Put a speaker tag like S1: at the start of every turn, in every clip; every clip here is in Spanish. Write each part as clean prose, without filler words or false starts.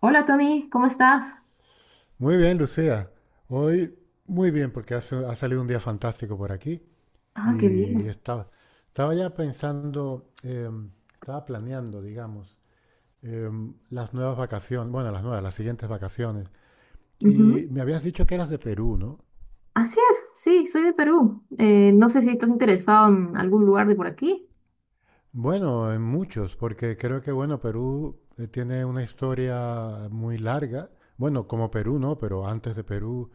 S1: Hola Tommy, ¿cómo estás?
S2: Muy bien, Lucía. Hoy muy bien porque ha salido un día fantástico por aquí
S1: Ah, qué bien.
S2: y estaba ya pensando, estaba planeando, digamos, las nuevas vacaciones, bueno, las nuevas, las siguientes vacaciones.
S1: Ujú.
S2: Y me habías dicho que eras de Perú, ¿no?
S1: Así es, sí, soy de Perú. No sé si estás interesado en algún lugar de por aquí.
S2: Bueno, en muchos, porque creo que, bueno, Perú tiene una historia muy larga. Bueno, como Perú, ¿no? Pero antes de Perú,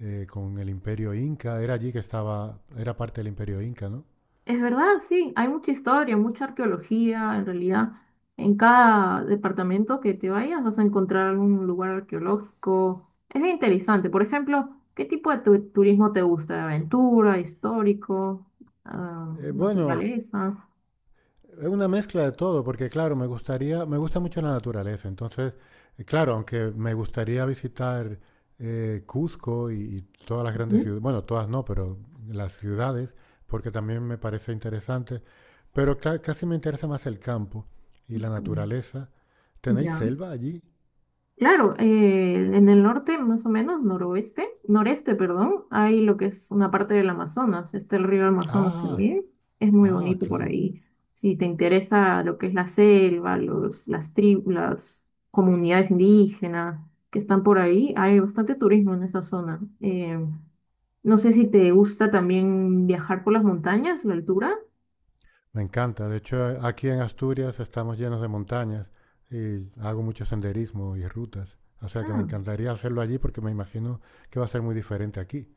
S2: con el Imperio Inca, era allí que estaba, era parte del Imperio Inca, ¿no?
S1: Es verdad, sí, hay mucha historia, mucha arqueología, en realidad. En cada departamento que te vayas vas a encontrar algún lugar arqueológico. Es bien interesante. Por ejemplo, ¿qué tipo de turismo te gusta? ¿De aventura, histórico, ah,
S2: Eh, bueno,
S1: naturaleza?
S2: Es una mezcla de todo, porque claro, me gustaría, me gusta mucho la naturaleza. Entonces, claro, aunque me gustaría visitar Cusco y todas las grandes
S1: Ujú.
S2: ciudades, bueno, todas no, pero las ciudades, porque también me parece interesante. Pero casi me interesa más el campo y la
S1: Ok.
S2: naturaleza. ¿Tenéis
S1: Ya.
S2: selva allí?
S1: Claro, en el norte, más o menos, noroeste, noreste, perdón, hay lo que es una parte del Amazonas, está el río Amazonas
S2: Ah,
S1: también, es muy
S2: ah,
S1: bonito por
S2: claro.
S1: ahí. Si te interesa lo que es la selva, las tribus, las comunidades indígenas que están por ahí, hay bastante turismo en esa zona. No sé si te gusta también viajar por las montañas, la altura.
S2: Me encanta. De hecho, aquí en Asturias estamos llenos de montañas y hago mucho senderismo y rutas. O sea que me
S1: Ah.
S2: encantaría hacerlo allí porque me imagino que va a ser muy diferente aquí.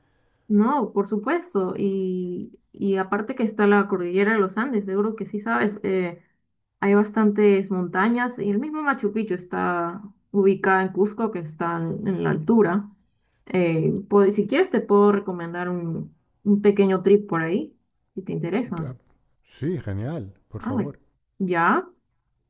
S1: No, por supuesto. Y aparte que está la cordillera de los Andes, seguro que sí sabes, hay bastantes montañas y el mismo Machu Picchu está ubicada en Cusco, que está en la altura. Si quieres te puedo recomendar un pequeño trip por ahí, si te
S2: Eh, que-
S1: interesa.
S2: ah, Sí, genial, por
S1: Ah,
S2: favor.
S1: ya.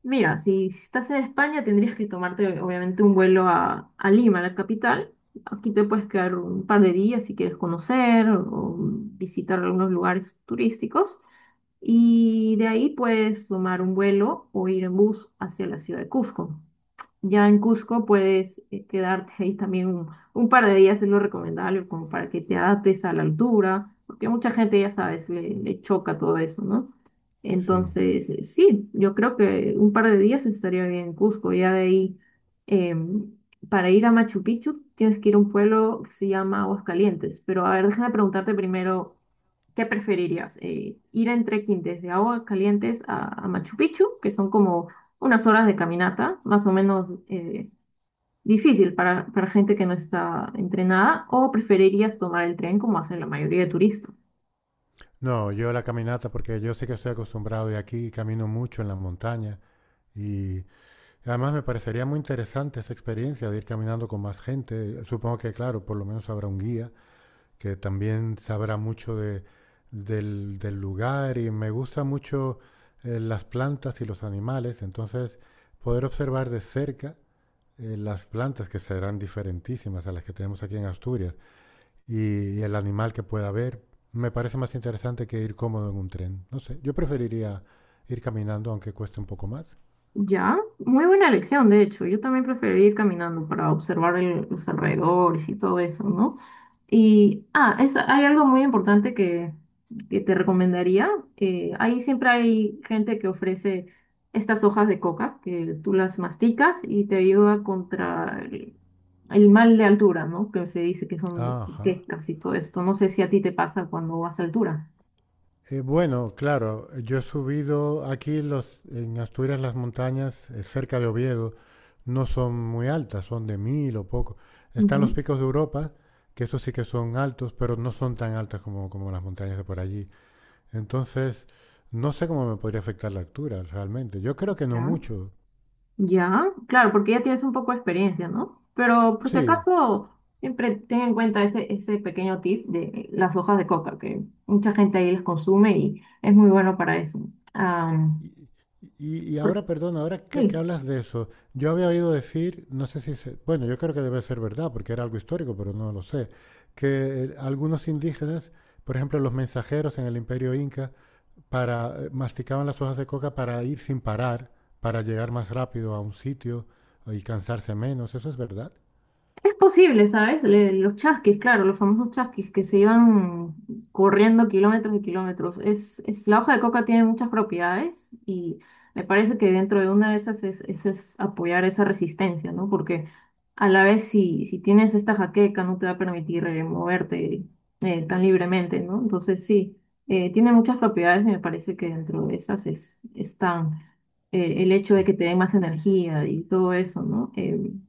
S1: Mira, si estás en España tendrías que tomarte obviamente un vuelo a Lima, la capital. Aquí te puedes quedar un par de días si quieres conocer o visitar algunos lugares turísticos. Y de ahí puedes tomar un vuelo o ir en bus hacia la ciudad de Cusco. Ya en Cusco puedes quedarte ahí también un par de días, es lo recomendable, como para que te adaptes a la altura, porque a mucha gente, ya sabes, le choca todo eso, ¿no?
S2: Sí.
S1: Entonces, sí, yo creo que un par de días estaría bien en Cusco. Ya de ahí, em, para ir a Machu Picchu, tienes que ir a un pueblo que se llama Aguascalientes. Pero a ver, déjame preguntarte primero, ¿qué preferirías? ¿Ir en trekking desde Aguascalientes a Machu Picchu, que son como unas horas de caminata, más o menos difícil para gente que no está entrenada, o preferirías tomar el tren como hacen la mayoría de turistas?
S2: No, yo la caminata porque yo sí que estoy acostumbrado y aquí camino mucho en la montaña y además me parecería muy interesante esa experiencia de ir caminando con más gente. Supongo que, claro, por lo menos habrá un guía que también sabrá mucho del lugar y me gusta mucho las plantas y los animales, entonces poder observar de cerca las plantas que serán diferentísimas a las que tenemos aquí en Asturias y el animal que pueda haber, me parece más interesante que ir cómodo en un tren. No sé, yo preferiría ir caminando aunque cueste un poco más.
S1: Ya, muy buena elección, de hecho. Yo también preferiría ir caminando para observar los alrededores y todo eso, ¿no? Y, ah, es, hay algo muy importante que te recomendaría. Ahí siempre hay gente que ofrece estas hojas de coca, que tú las masticas y te ayuda contra el mal de altura, ¿no? Que se dice que son
S2: Ajá.
S1: quecas y todo esto. No sé si a ti te pasa cuando vas a altura.
S2: Bueno, claro, yo he subido aquí los, en Asturias las montañas cerca de Oviedo no son muy altas, son de 1.000 o poco. Están los
S1: Ujú.
S2: picos de Europa, que esos sí que son altos, pero no son tan altas como las montañas de por allí. Entonces, no sé cómo me podría afectar la altura realmente. Yo creo que no
S1: Ya.
S2: mucho.
S1: Ya, claro, porque ya tienes un poco de experiencia, ¿no? Pero por si
S2: Sí,
S1: acaso, siempre ten en cuenta ese, ese pequeño tip de las hojas de coca, que mucha gente ahí las consume y es muy bueno para eso. Ah,
S2: Y, y
S1: por-
S2: ahora, perdón, ahora que
S1: sí.
S2: hablas de eso, yo había oído decir, no sé si se- bueno, yo creo que debe ser verdad, porque era algo histórico, pero no lo sé, que algunos indígenas, por ejemplo, los mensajeros en el Imperio Inca, masticaban las hojas de coca para ir sin parar, para llegar más rápido a un sitio y cansarse menos. ¿Eso es verdad?
S1: Es posible, ¿sabes? Los chasquis, claro, los famosos chasquis que se iban corriendo kilómetros y kilómetros. Es, la hoja de coca tiene muchas propiedades y me parece que dentro de una de esas es, es apoyar esa resistencia, ¿no? Porque a la vez si, si tienes esta jaqueca no te va a permitir moverte tan libremente, ¿no? Entonces sí, tiene muchas propiedades y me parece que dentro de esas es, están el hecho de que te dé más energía y todo eso, ¿no?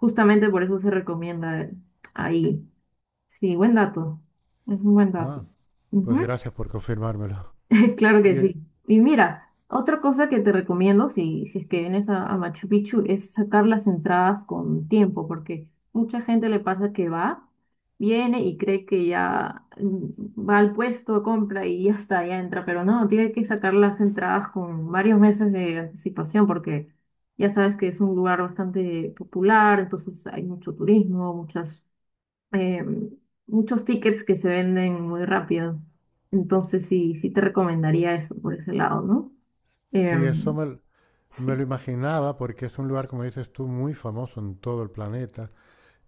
S1: Justamente por eso se recomienda ahí. Sí, buen dato. Es un buen dato.
S2: Ah, pues
S1: Ujú.
S2: gracias por confirmármelo.
S1: Claro que
S2: Y
S1: sí. Y mira, otra cosa que te recomiendo si, si es que vienes a Machu Picchu es sacar las entradas con tiempo, porque mucha gente le pasa que va, viene y cree que ya va al puesto, compra y ya está, ya entra, pero no, tiene que sacar las entradas con varios meses de anticipación, porque ya sabes que es un lugar bastante popular, entonces hay mucho turismo, muchas eh, muchos tickets que se venden muy rápido. Entonces sí, sí te recomendaría eso por ese lado, ¿no?
S2: sí,
S1: Em,
S2: me lo
S1: sí.
S2: imaginaba porque es un lugar, como dices tú, muy famoso en todo el planeta.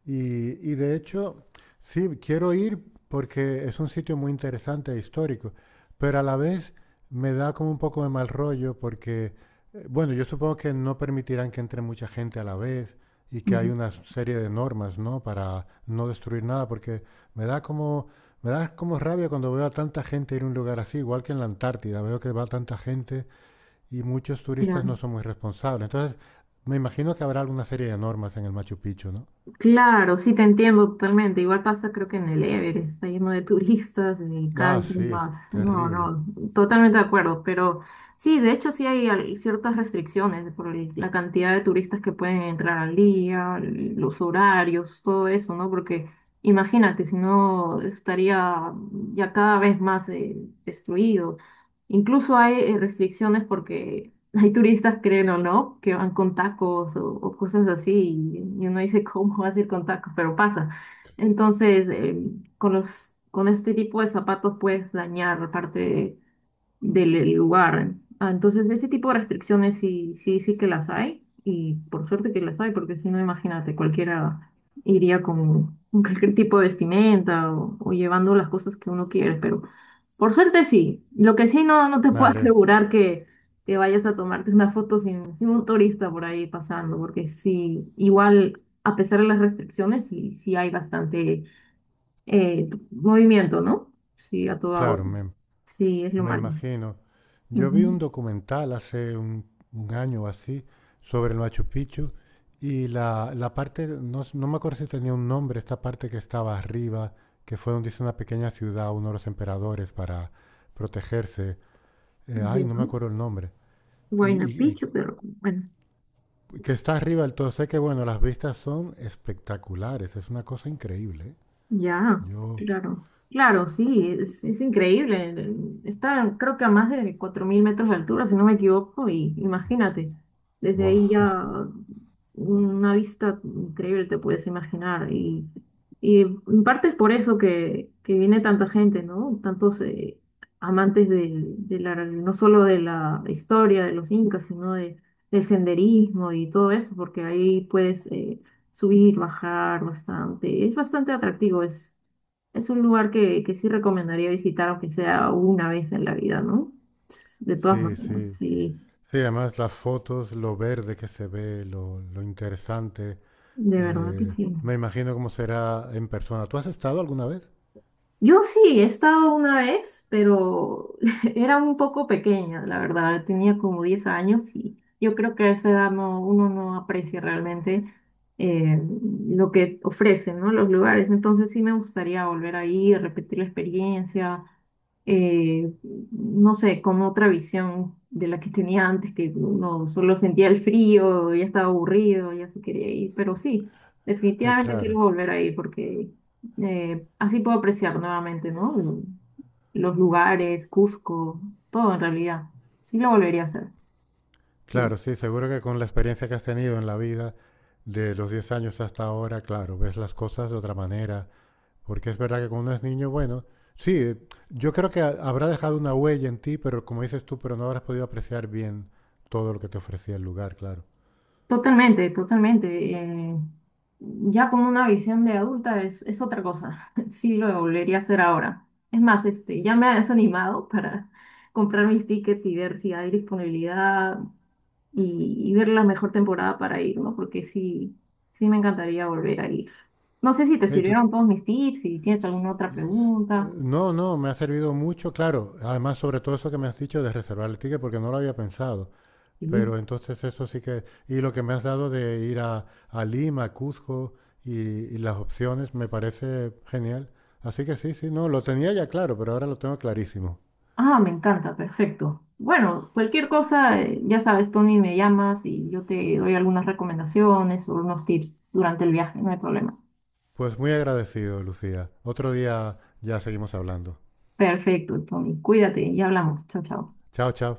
S2: Y, y de hecho, sí, quiero ir porque es un sitio muy interesante e histórico, pero a la vez me da como un poco de mal rollo porque, bueno, yo supongo que no permitirán que entre mucha gente a la vez y que hay
S1: Ujú.
S2: una serie de normas, ¿no? Para no destruir nada, porque me da como, me da como rabia cuando veo a tanta gente ir a un lugar así, igual que en la Antártida, veo que va tanta gente y muchos turistas
S1: Claro.
S2: no son muy responsables. Entonces, me imagino que habrá alguna serie de normas en el Machu Picchu, ¿no?
S1: Claro, sí, te entiendo totalmente. Igual pasa, creo que en el Everest está lleno de turistas y cada
S2: Ah,
S1: vez
S2: sí, es
S1: más. No,
S2: terrible.
S1: no, totalmente de acuerdo. Pero sí, de hecho, sí hay ciertas restricciones por la cantidad de turistas que pueden entrar al día, los horarios, todo eso, ¿no? Porque imagínate, si no estaría ya cada vez más destruido. Incluso hay restricciones porque hay turistas, creen o no, que van con tacos o cosas así y uno dice, ¿cómo vas a ir con tacos? Pero pasa. Entonces, con los, con este tipo de zapatos puedes dañar parte del lugar. Ah, entonces, ese tipo de restricciones sí, sí, sí que las hay y por suerte que las hay, porque si no, imagínate, cualquiera iría con cualquier tipo de vestimenta o llevando las cosas que uno quiere, pero... Por suerte sí. Lo que sí no, no te puedo
S2: Vale,
S1: asegurar que vayas a tomarte una foto sin, sin un turista por ahí pasando, porque sí, igual, a pesar de las restricciones, sí, sí hay bastante movimiento, ¿no? Sí, a toda hora.
S2: claro,
S1: Sí, es lo
S2: me
S1: malo.
S2: imagino. Yo vi un
S1: Ujú.
S2: documental hace un año o así sobre el Machu Picchu y la parte, no, no me acuerdo si tenía un nombre, esta parte que estaba arriba, que fue donde hizo una pequeña ciudad uno de los emperadores para protegerse.
S1: Bien,
S2: No me
S1: ¿no?
S2: acuerdo el nombre. Y,
S1: Huayna Picchu,
S2: y-
S1: pero bueno.
S2: y que está arriba del todo. Sé que, bueno, las vistas son espectaculares, es una cosa increíble. ¿Eh?
S1: Ya,
S2: Yo,
S1: claro. Claro, sí, es increíble. Está, creo que a más de 4000 metros de altura, si no me equivoco, y imagínate, desde
S2: wow.
S1: ahí ya una vista increíble te puedes imaginar. Y en parte es por eso que viene tanta gente, ¿no? Tantos amantes de la, no solo de la historia de los incas, sino de, del senderismo y todo eso, porque ahí puedes... subir, bajar bastante. Es bastante atractivo, es un lugar que sí recomendaría visitar, aunque sea una vez en la vida, ¿no? De todas
S2: Sí,
S1: maneras,
S2: sí.
S1: sí,
S2: Sí, además las fotos, lo verde que se ve, lo interesante.
S1: de verdad que sí.
S2: Me imagino cómo será en persona. ¿Tú has estado alguna vez?
S1: Yo sí, he estado una vez, pero era un poco pequeña, la verdad. Tenía como 10 años y yo creo que a esa edad no, uno no aprecia realmente eh, lo que ofrecen, ¿no? Los lugares. Entonces sí me gustaría volver ahí, repetir la experiencia, eh, no sé, con otra visión de la que tenía antes, que uno solo sentía el frío, ya estaba aburrido, ya se quería ir. Pero sí, definitivamente
S2: Claro,
S1: quiero volver ahí porque así puedo apreciar nuevamente, ¿no? Los lugares, Cusco, todo en realidad. Sí lo volvería a hacer. Sí.
S2: claro, sí, seguro que con la experiencia que has tenido en la vida de los 10 años hasta ahora, claro, ves las cosas de otra manera. Porque es verdad que cuando uno es niño, bueno, sí, yo creo que habrá dejado una huella en ti, pero como dices tú, pero no habrás podido apreciar bien todo lo que te ofrecía el lugar, claro.
S1: Totalmente, totalmente. Ya con una visión de adulta es otra cosa. Sí lo volvería a hacer ahora. Es más, este, ya me has animado para comprar mis tickets y ver si hay disponibilidad. Y, y ver la mejor temporada para ir, ¿no? Porque sí, sí me encantaría volver a ir. No sé si te
S2: Ey, tú-
S1: sirvieron todos mis tips, si tienes alguna otra pregunta.
S2: No, no, me ha servido mucho, claro. Además, sobre todo eso que me has dicho de reservar el ticket, porque no lo había pensado.
S1: Sí.
S2: Pero entonces eso sí que... Y lo que me has dado de ir a Lima, a Cuzco y las opciones, me parece genial. Así que sí, sí, no, lo tenía ya claro, pero ahora lo tengo clarísimo.
S1: Ah, me encanta, perfecto. Bueno, cualquier cosa, ya sabes, Tony, me llamas y yo te doy algunas recomendaciones o unos tips durante el viaje, no hay problema.
S2: Pues muy agradecido, Lucía. Otro día ya seguimos hablando.
S1: Perfecto, Tony, cuídate y hablamos. Chao, chao.
S2: Chao, chao.